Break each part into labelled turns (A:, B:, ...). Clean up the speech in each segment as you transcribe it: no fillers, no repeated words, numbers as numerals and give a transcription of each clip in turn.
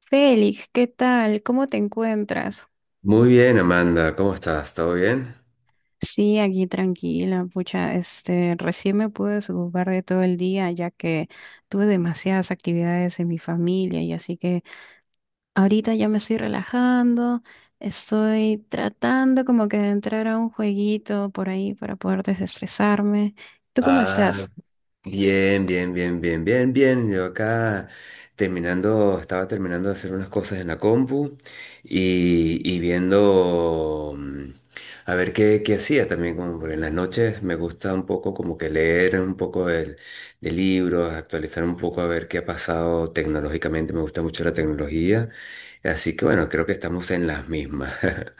A: Félix, ¿qué tal? ¿Cómo te encuentras?
B: Muy bien, Amanda, ¿cómo estás? ¿Todo bien?
A: Sí, aquí tranquila, pucha, recién me pude desocupar de todo el día, ya que tuve demasiadas actividades en mi familia, y así que ahorita ya me estoy relajando. Estoy tratando como que de entrar a un jueguito por ahí para poder desestresarme. ¿Tú cómo
B: Ah,
A: estás?
B: bien, bien, bien, bien, bien, bien. Yo acá terminando, estaba terminando de hacer unas cosas en la compu y viendo a ver qué hacía también, como por en las noches me gusta un poco como que leer un poco de libros, actualizar un poco a ver qué ha pasado tecnológicamente. Me gusta mucho la tecnología, así que bueno, creo que estamos en las mismas.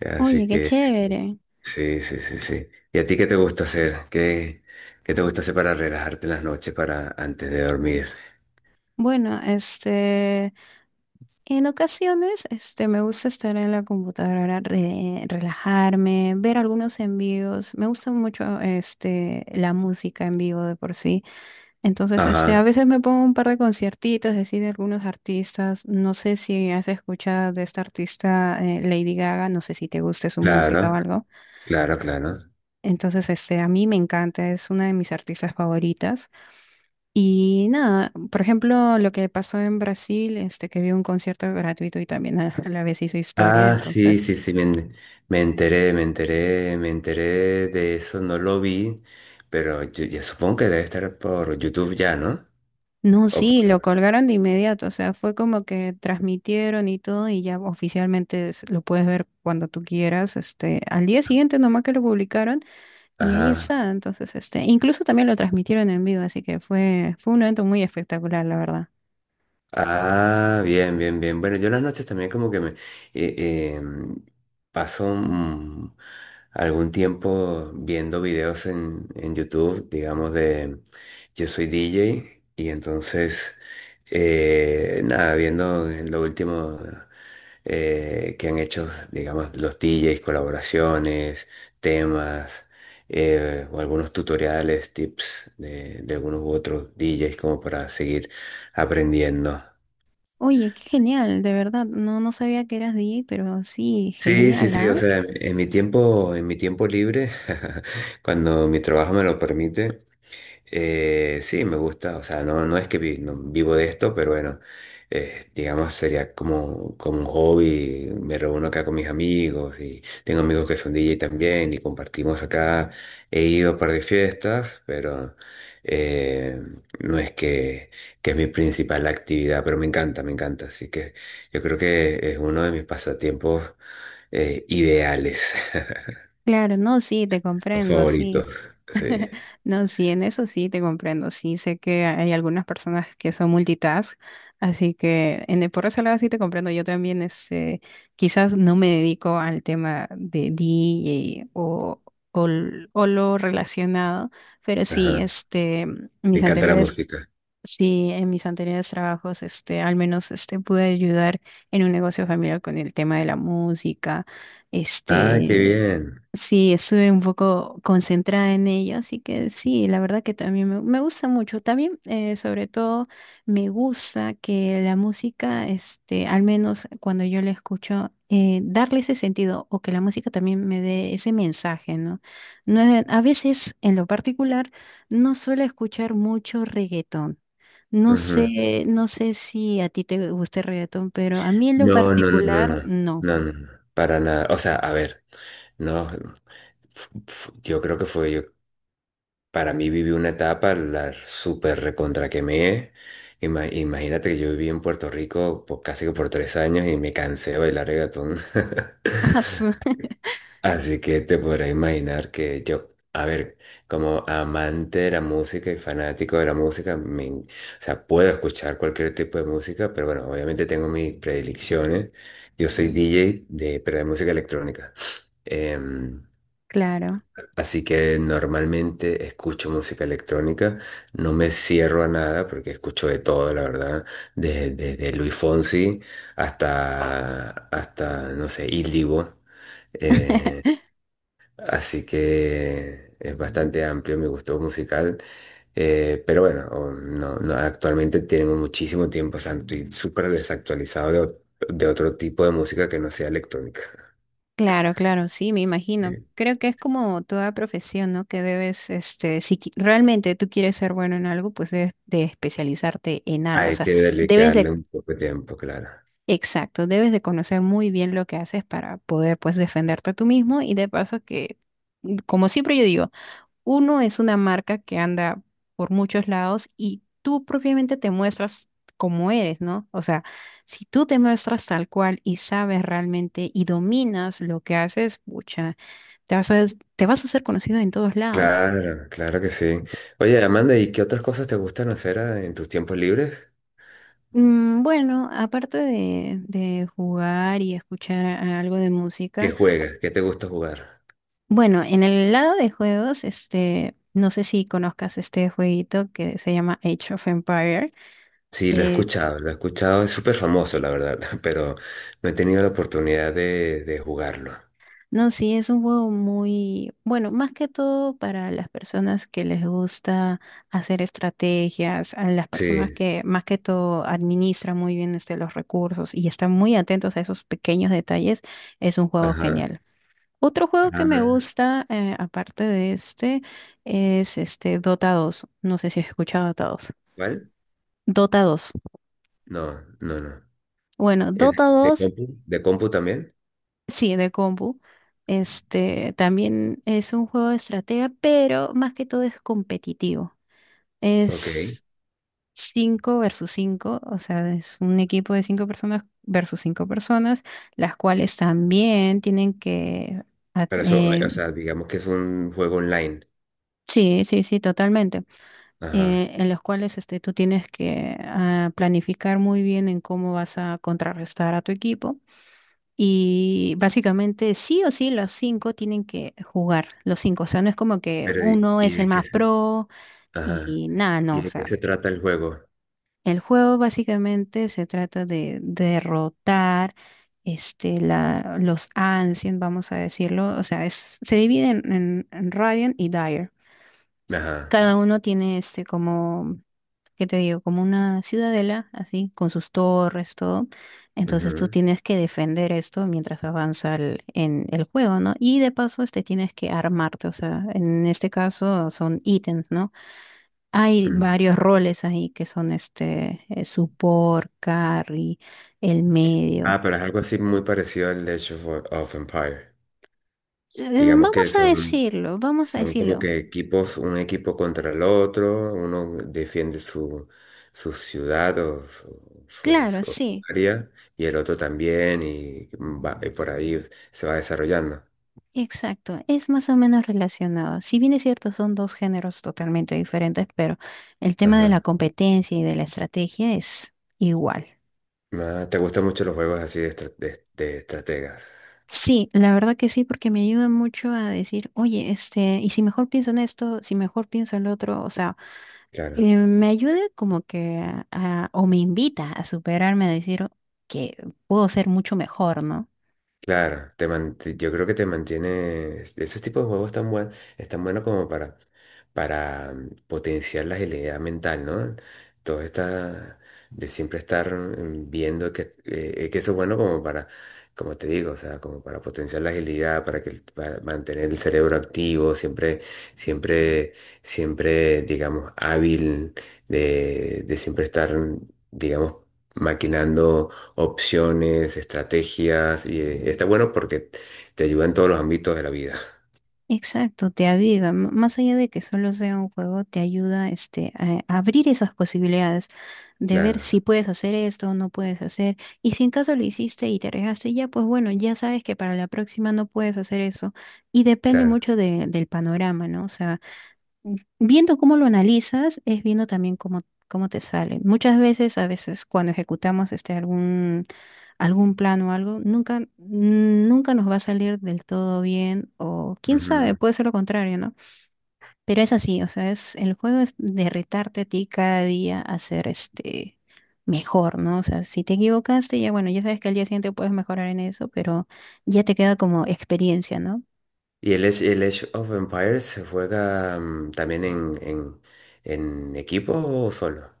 B: Así
A: Oye, qué
B: que.
A: chévere.
B: Sí, sí, sí, sí. ¿Y a ti qué te gusta hacer? ¿Qué te gusta hacer para relajarte las noches para antes de dormir?
A: Bueno, este... En ocasiones, me gusta estar en la computadora, relajarme, ver algunos envíos. Me gusta mucho, la música en vivo de por sí. Entonces, a
B: Ajá,
A: veces me pongo un par de conciertitos, así, de algunos artistas. No sé si has escuchado de esta artista, Lady Gaga. No sé si te guste su música o
B: claro,
A: algo.
B: claro, claro.
A: Entonces, a mí me encanta. Es una de mis artistas favoritas. Y nada, por ejemplo, lo que pasó en Brasil, que dio un concierto gratuito y también a la vez hizo historia,
B: Ah, sí,
A: entonces,
B: sí, sí, me enteré de eso. No lo vi, pero yo, ya supongo que debe estar por YouTube ya, ¿no?
A: no,
B: O
A: sí, lo
B: por.
A: colgaron de inmediato, o sea, fue como que transmitieron y todo, y ya oficialmente lo puedes ver cuando tú quieras, al día siguiente nomás que lo publicaron y
B: Ajá.
A: ahí está. Entonces, incluso también lo transmitieron en vivo, así que fue, fue un evento muy espectacular, la verdad.
B: Ah, bien, bien, bien. Bueno, yo las noches también como que me eh, paso algún tiempo viendo videos en YouTube, digamos de yo soy DJ y entonces nada, viendo lo último que han hecho, digamos, los DJs, colaboraciones, temas, o algunos tutoriales, tips de algunos u otros DJs como para seguir aprendiendo.
A: Oye, qué genial, de verdad, no, no sabía que eras DJ, pero sí,
B: Sí, sí,
A: genial,
B: sí,
A: ah.
B: o sea, en mi tiempo, libre, cuando mi trabajo me lo permite, sí, me gusta, o sea, no, no es que no vivo de esto. Pero bueno, digamos, sería como, como un hobby. Me reúno acá con mis amigos y tengo amigos que son DJ también, y compartimos acá. He ido a un par de fiestas, pero eh, no es que es mi principal actividad. Pero me encanta, así que yo creo que es uno de mis pasatiempos ideales,
A: Claro, no, sí, te
B: o
A: comprendo, sí.
B: favoritos. Sí.
A: No, sí, en eso sí te comprendo. Sí, sé que hay algunas personas que son multitask, así que en el, por ese lado sí te comprendo. Yo también, quizás no me dedico al tema de DJ o, o lo relacionado, pero sí,
B: Ajá. Me
A: mis
B: encanta la
A: anteriores,
B: música.
A: sí, en mis anteriores trabajos, al menos, pude ayudar en un negocio familiar con el tema de la música.
B: Ah, qué
A: Este,
B: bien.
A: sí, estuve un poco concentrada en ello, así que sí, la verdad que también me gusta mucho. También, sobre todo, me gusta que la música, al menos cuando yo la escucho, darle ese sentido, o que la música también me dé ese mensaje, ¿no? No, a veces, en lo particular, no suelo escuchar mucho reggaetón. No
B: Ujú.
A: sé, no sé si a ti te gusta el reggaetón, pero a mí en lo
B: No, no, no, no, no,
A: particular,
B: no,
A: no.
B: no, no, para nada. O sea, a ver, no, yo creo que fue yo, para mí viví una etapa, la súper recontra quemé. Imagínate que yo viví en Puerto Rico por, casi que por 3 años, y me cansé de bailar reggaetón. Así que te podrás imaginar que yo, a ver, como amante de la música y fanático de la música, o sea, puedo escuchar cualquier tipo de música. Pero bueno, obviamente tengo mis predilecciones. Yo soy DJ de, pero de música electrónica. Em,
A: Claro.
B: así que normalmente escucho música electrónica. No me cierro a nada porque escucho de todo, la verdad, desde de Luis Fonsi hasta, hasta, no sé, Il Divo. Así que es bastante amplio mi gusto musical. Pero bueno, no, no, actualmente tengo muchísimo tiempo, o sea, estoy súper desactualizado de otro tipo de música que no sea electrónica.
A: Claro, claro, sí, me imagino.
B: Sí.
A: Creo que es como toda profesión, ¿no? Que debes, este, si qui- realmente tú quieres ser bueno en algo, pues debes de especializarte en algo. O
B: Hay
A: sea,
B: que
A: debes
B: dedicarle
A: de,
B: un poco de tiempo, claro.
A: exacto, debes de conocer muy bien lo que haces para poder, pues, defenderte tú mismo. Y de paso que, como siempre yo digo, uno es una marca que anda por muchos lados, y tú propiamente te muestras como eres, ¿no? O sea, si tú te muestras tal cual y sabes realmente y dominas lo que haces, pucha. Te vas a, te vas a hacer conocido en todos lados.
B: Claro, claro que sí. Oye, Amanda, ¿y qué otras cosas te gustan hacer en tus tiempos libres?
A: Mm, bueno, aparte de jugar y escuchar algo de
B: ¿Qué
A: música,
B: juegas? ¿Qué te gusta jugar?
A: bueno, en el lado de juegos, no sé si conozcas este jueguito que se llama Age of Empire.
B: Sí, lo he escuchado, es súper famoso, la verdad, pero no he tenido la oportunidad de jugarlo.
A: No, sí, es un juego muy bueno, más que todo para las personas que les gusta hacer estrategias, a las personas
B: Sí.
A: que más que todo administran muy bien, los recursos, y están muy atentos a esos pequeños detalles. Es un juego
B: Ajá.
A: genial. Otro juego que me
B: Ah,
A: gusta, aparte de este, es este Dota 2. No sé si has escuchado Dota 2.
B: ¿cuál?
A: Dota 2.
B: No, no, no.
A: Bueno,
B: Eh,
A: Dota
B: ¿De
A: 2.
B: compu? ¿De compu también?
A: Sí, de compu. Este también es un juego de estrategia, pero más que todo es competitivo.
B: Ok.
A: Es 5 versus 5, o sea, es un equipo de 5 personas versus 5 personas, las cuales también tienen que... a-
B: Pero eso,
A: eh,
B: o sea, digamos que es un juego online.
A: sí, sí, sí, totalmente.
B: Ajá.
A: En los cuales, tú tienes que planificar muy bien en cómo vas a contrarrestar a tu equipo. Y básicamente sí o sí los cinco tienen que jugar, los cinco. O sea, no es como que
B: Pero, ¿y
A: uno
B: y
A: es el
B: de
A: más
B: qué se?
A: pro
B: Ajá.
A: y nada, no.
B: ¿Y
A: O
B: de qué
A: sea,
B: se trata el juego?
A: el juego básicamente se trata de derrotar, los Ancients, vamos a decirlo. O sea, es, se dividen en Radiant y Dire.
B: Ajá.
A: Cada uno tiene este como, ¿qué te digo? Como una ciudadela, así, con sus torres, todo. Entonces tú
B: Ujú,
A: tienes que defender esto mientras avanza el, en el juego, ¿no? Y de paso, este tienes que armarte, o sea, en este caso son ítems, ¿no? Hay
B: ujú.
A: varios roles ahí que son este, support, carry, el
B: Ah,
A: medio.
B: pero es algo así muy parecido al Age of Empire. Digamos
A: Vamos
B: que
A: a
B: son,
A: decirlo, vamos a
B: Son
A: decirlo.
B: como que equipos, un equipo contra el otro. Uno defiende su ciudad
A: Claro,
B: o su
A: sí.
B: área, y el otro también y por ahí se va desarrollando.
A: Exacto, es más o menos relacionado. Si bien es cierto, son dos géneros totalmente diferentes, pero el tema de
B: Ajá.
A: la competencia y de la estrategia es igual.
B: Ah, ¿te gustan mucho los juegos así de estrategas?
A: Sí, la verdad que sí, porque me ayuda mucho a decir, oye, este, y si mejor pienso en esto, si mejor pienso en lo otro, o sea,
B: Claro.
A: me ayuda como que o me invita a superarme, a decir que puedo ser mucho mejor, ¿no?
B: Claro, yo creo que te mantiene. Ese tipo de juegos es tan bueno como para potenciar la agilidad mental, ¿no? Todo está de siempre estar viendo que eso es bueno como para, como te digo, o sea, como para potenciar la agilidad, para mantener el cerebro activo, siempre, siempre, siempre, digamos, hábil, de siempre estar, digamos, maquinando opciones, estrategias, y está bueno porque te ayuda en todos los ámbitos de la vida.
A: Exacto, te aviva, más allá de que solo sea un juego, te ayuda este, a abrir esas posibilidades de ver si
B: Claro,
A: puedes hacer esto o no puedes hacer. Y si en caso lo hiciste y te arriesgaste, ya pues bueno, ya sabes que para la próxima no puedes hacer eso. Y depende
B: claro.
A: mucho del panorama, ¿no? O sea, viendo cómo lo analizas, es viendo también cómo, cómo te sale. Muchas veces, a veces cuando ejecutamos este algún plan o algo, nunca nos va a salir del todo bien, o quién sabe,
B: Ujú.
A: puede ser lo contrario, ¿no? Pero es así, o sea, es, el juego es de retarte a ti cada día a ser este mejor, ¿no? O sea, si te equivocaste, ya bueno, ya sabes que al día siguiente puedes mejorar en eso, pero ya te queda como experiencia, ¿no?
B: Y el Age of Empires se juega también en equipo o solo.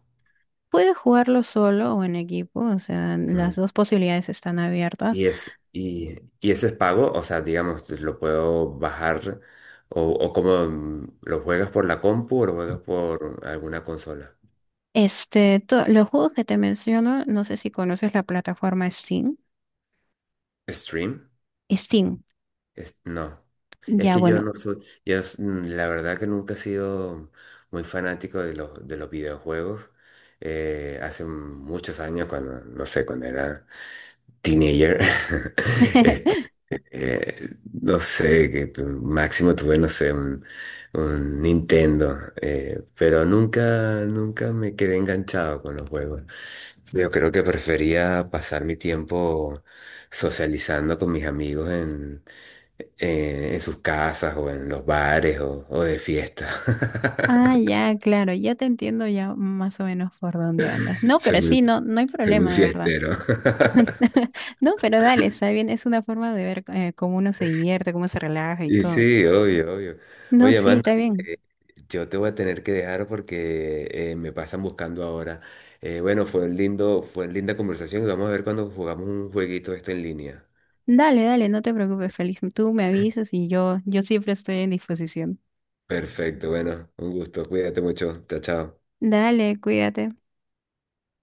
A: Puedes jugarlo solo o en equipo, o sea, las
B: Mm.
A: dos posibilidades están abiertas.
B: Y es, y, y ese es pago, o sea, digamos, lo puedo bajar o como lo juegas por la compu o lo juegas por alguna consola.
A: Este, los juegos que te menciono, no sé si conoces la plataforma Steam.
B: Stream.
A: Steam,
B: No, es
A: ya
B: que yo
A: bueno.
B: no soy, la verdad que nunca he sido muy fanático de los videojuegos. Hace muchos años, cuando, no sé, cuando era teenager, este, no sé, que máximo tuve, no sé, un Nintendo, pero nunca, nunca me quedé enganchado con los juegos. Yo creo que prefería pasar mi tiempo socializando con mis amigos en sus casas o, en los bares o de fiesta.
A: Ah, ya, claro, ya te entiendo ya más o menos por dónde andas. No,
B: Soy
A: pero
B: muy,
A: sí, no, no hay
B: soy muy
A: problema, de verdad.
B: fiestero.
A: No, pero dale, está bien, es una forma de ver, cómo uno se divierte, cómo se relaja y
B: Y
A: todo.
B: sí, obvio, obvio.
A: No,
B: Oye,
A: sí,
B: Amanda,
A: está bien.
B: eh, yo te voy a tener que dejar porque me pasan buscando ahora. Bueno, fue linda conversación, y vamos a ver cuando jugamos un jueguito esto en línea.
A: Dale, dale, no te preocupes, Félix. Tú me avisas, y yo, siempre estoy en disposición.
B: Perfecto, bueno, un gusto. Cuídate mucho. Chao, chao.
A: Dale, cuídate.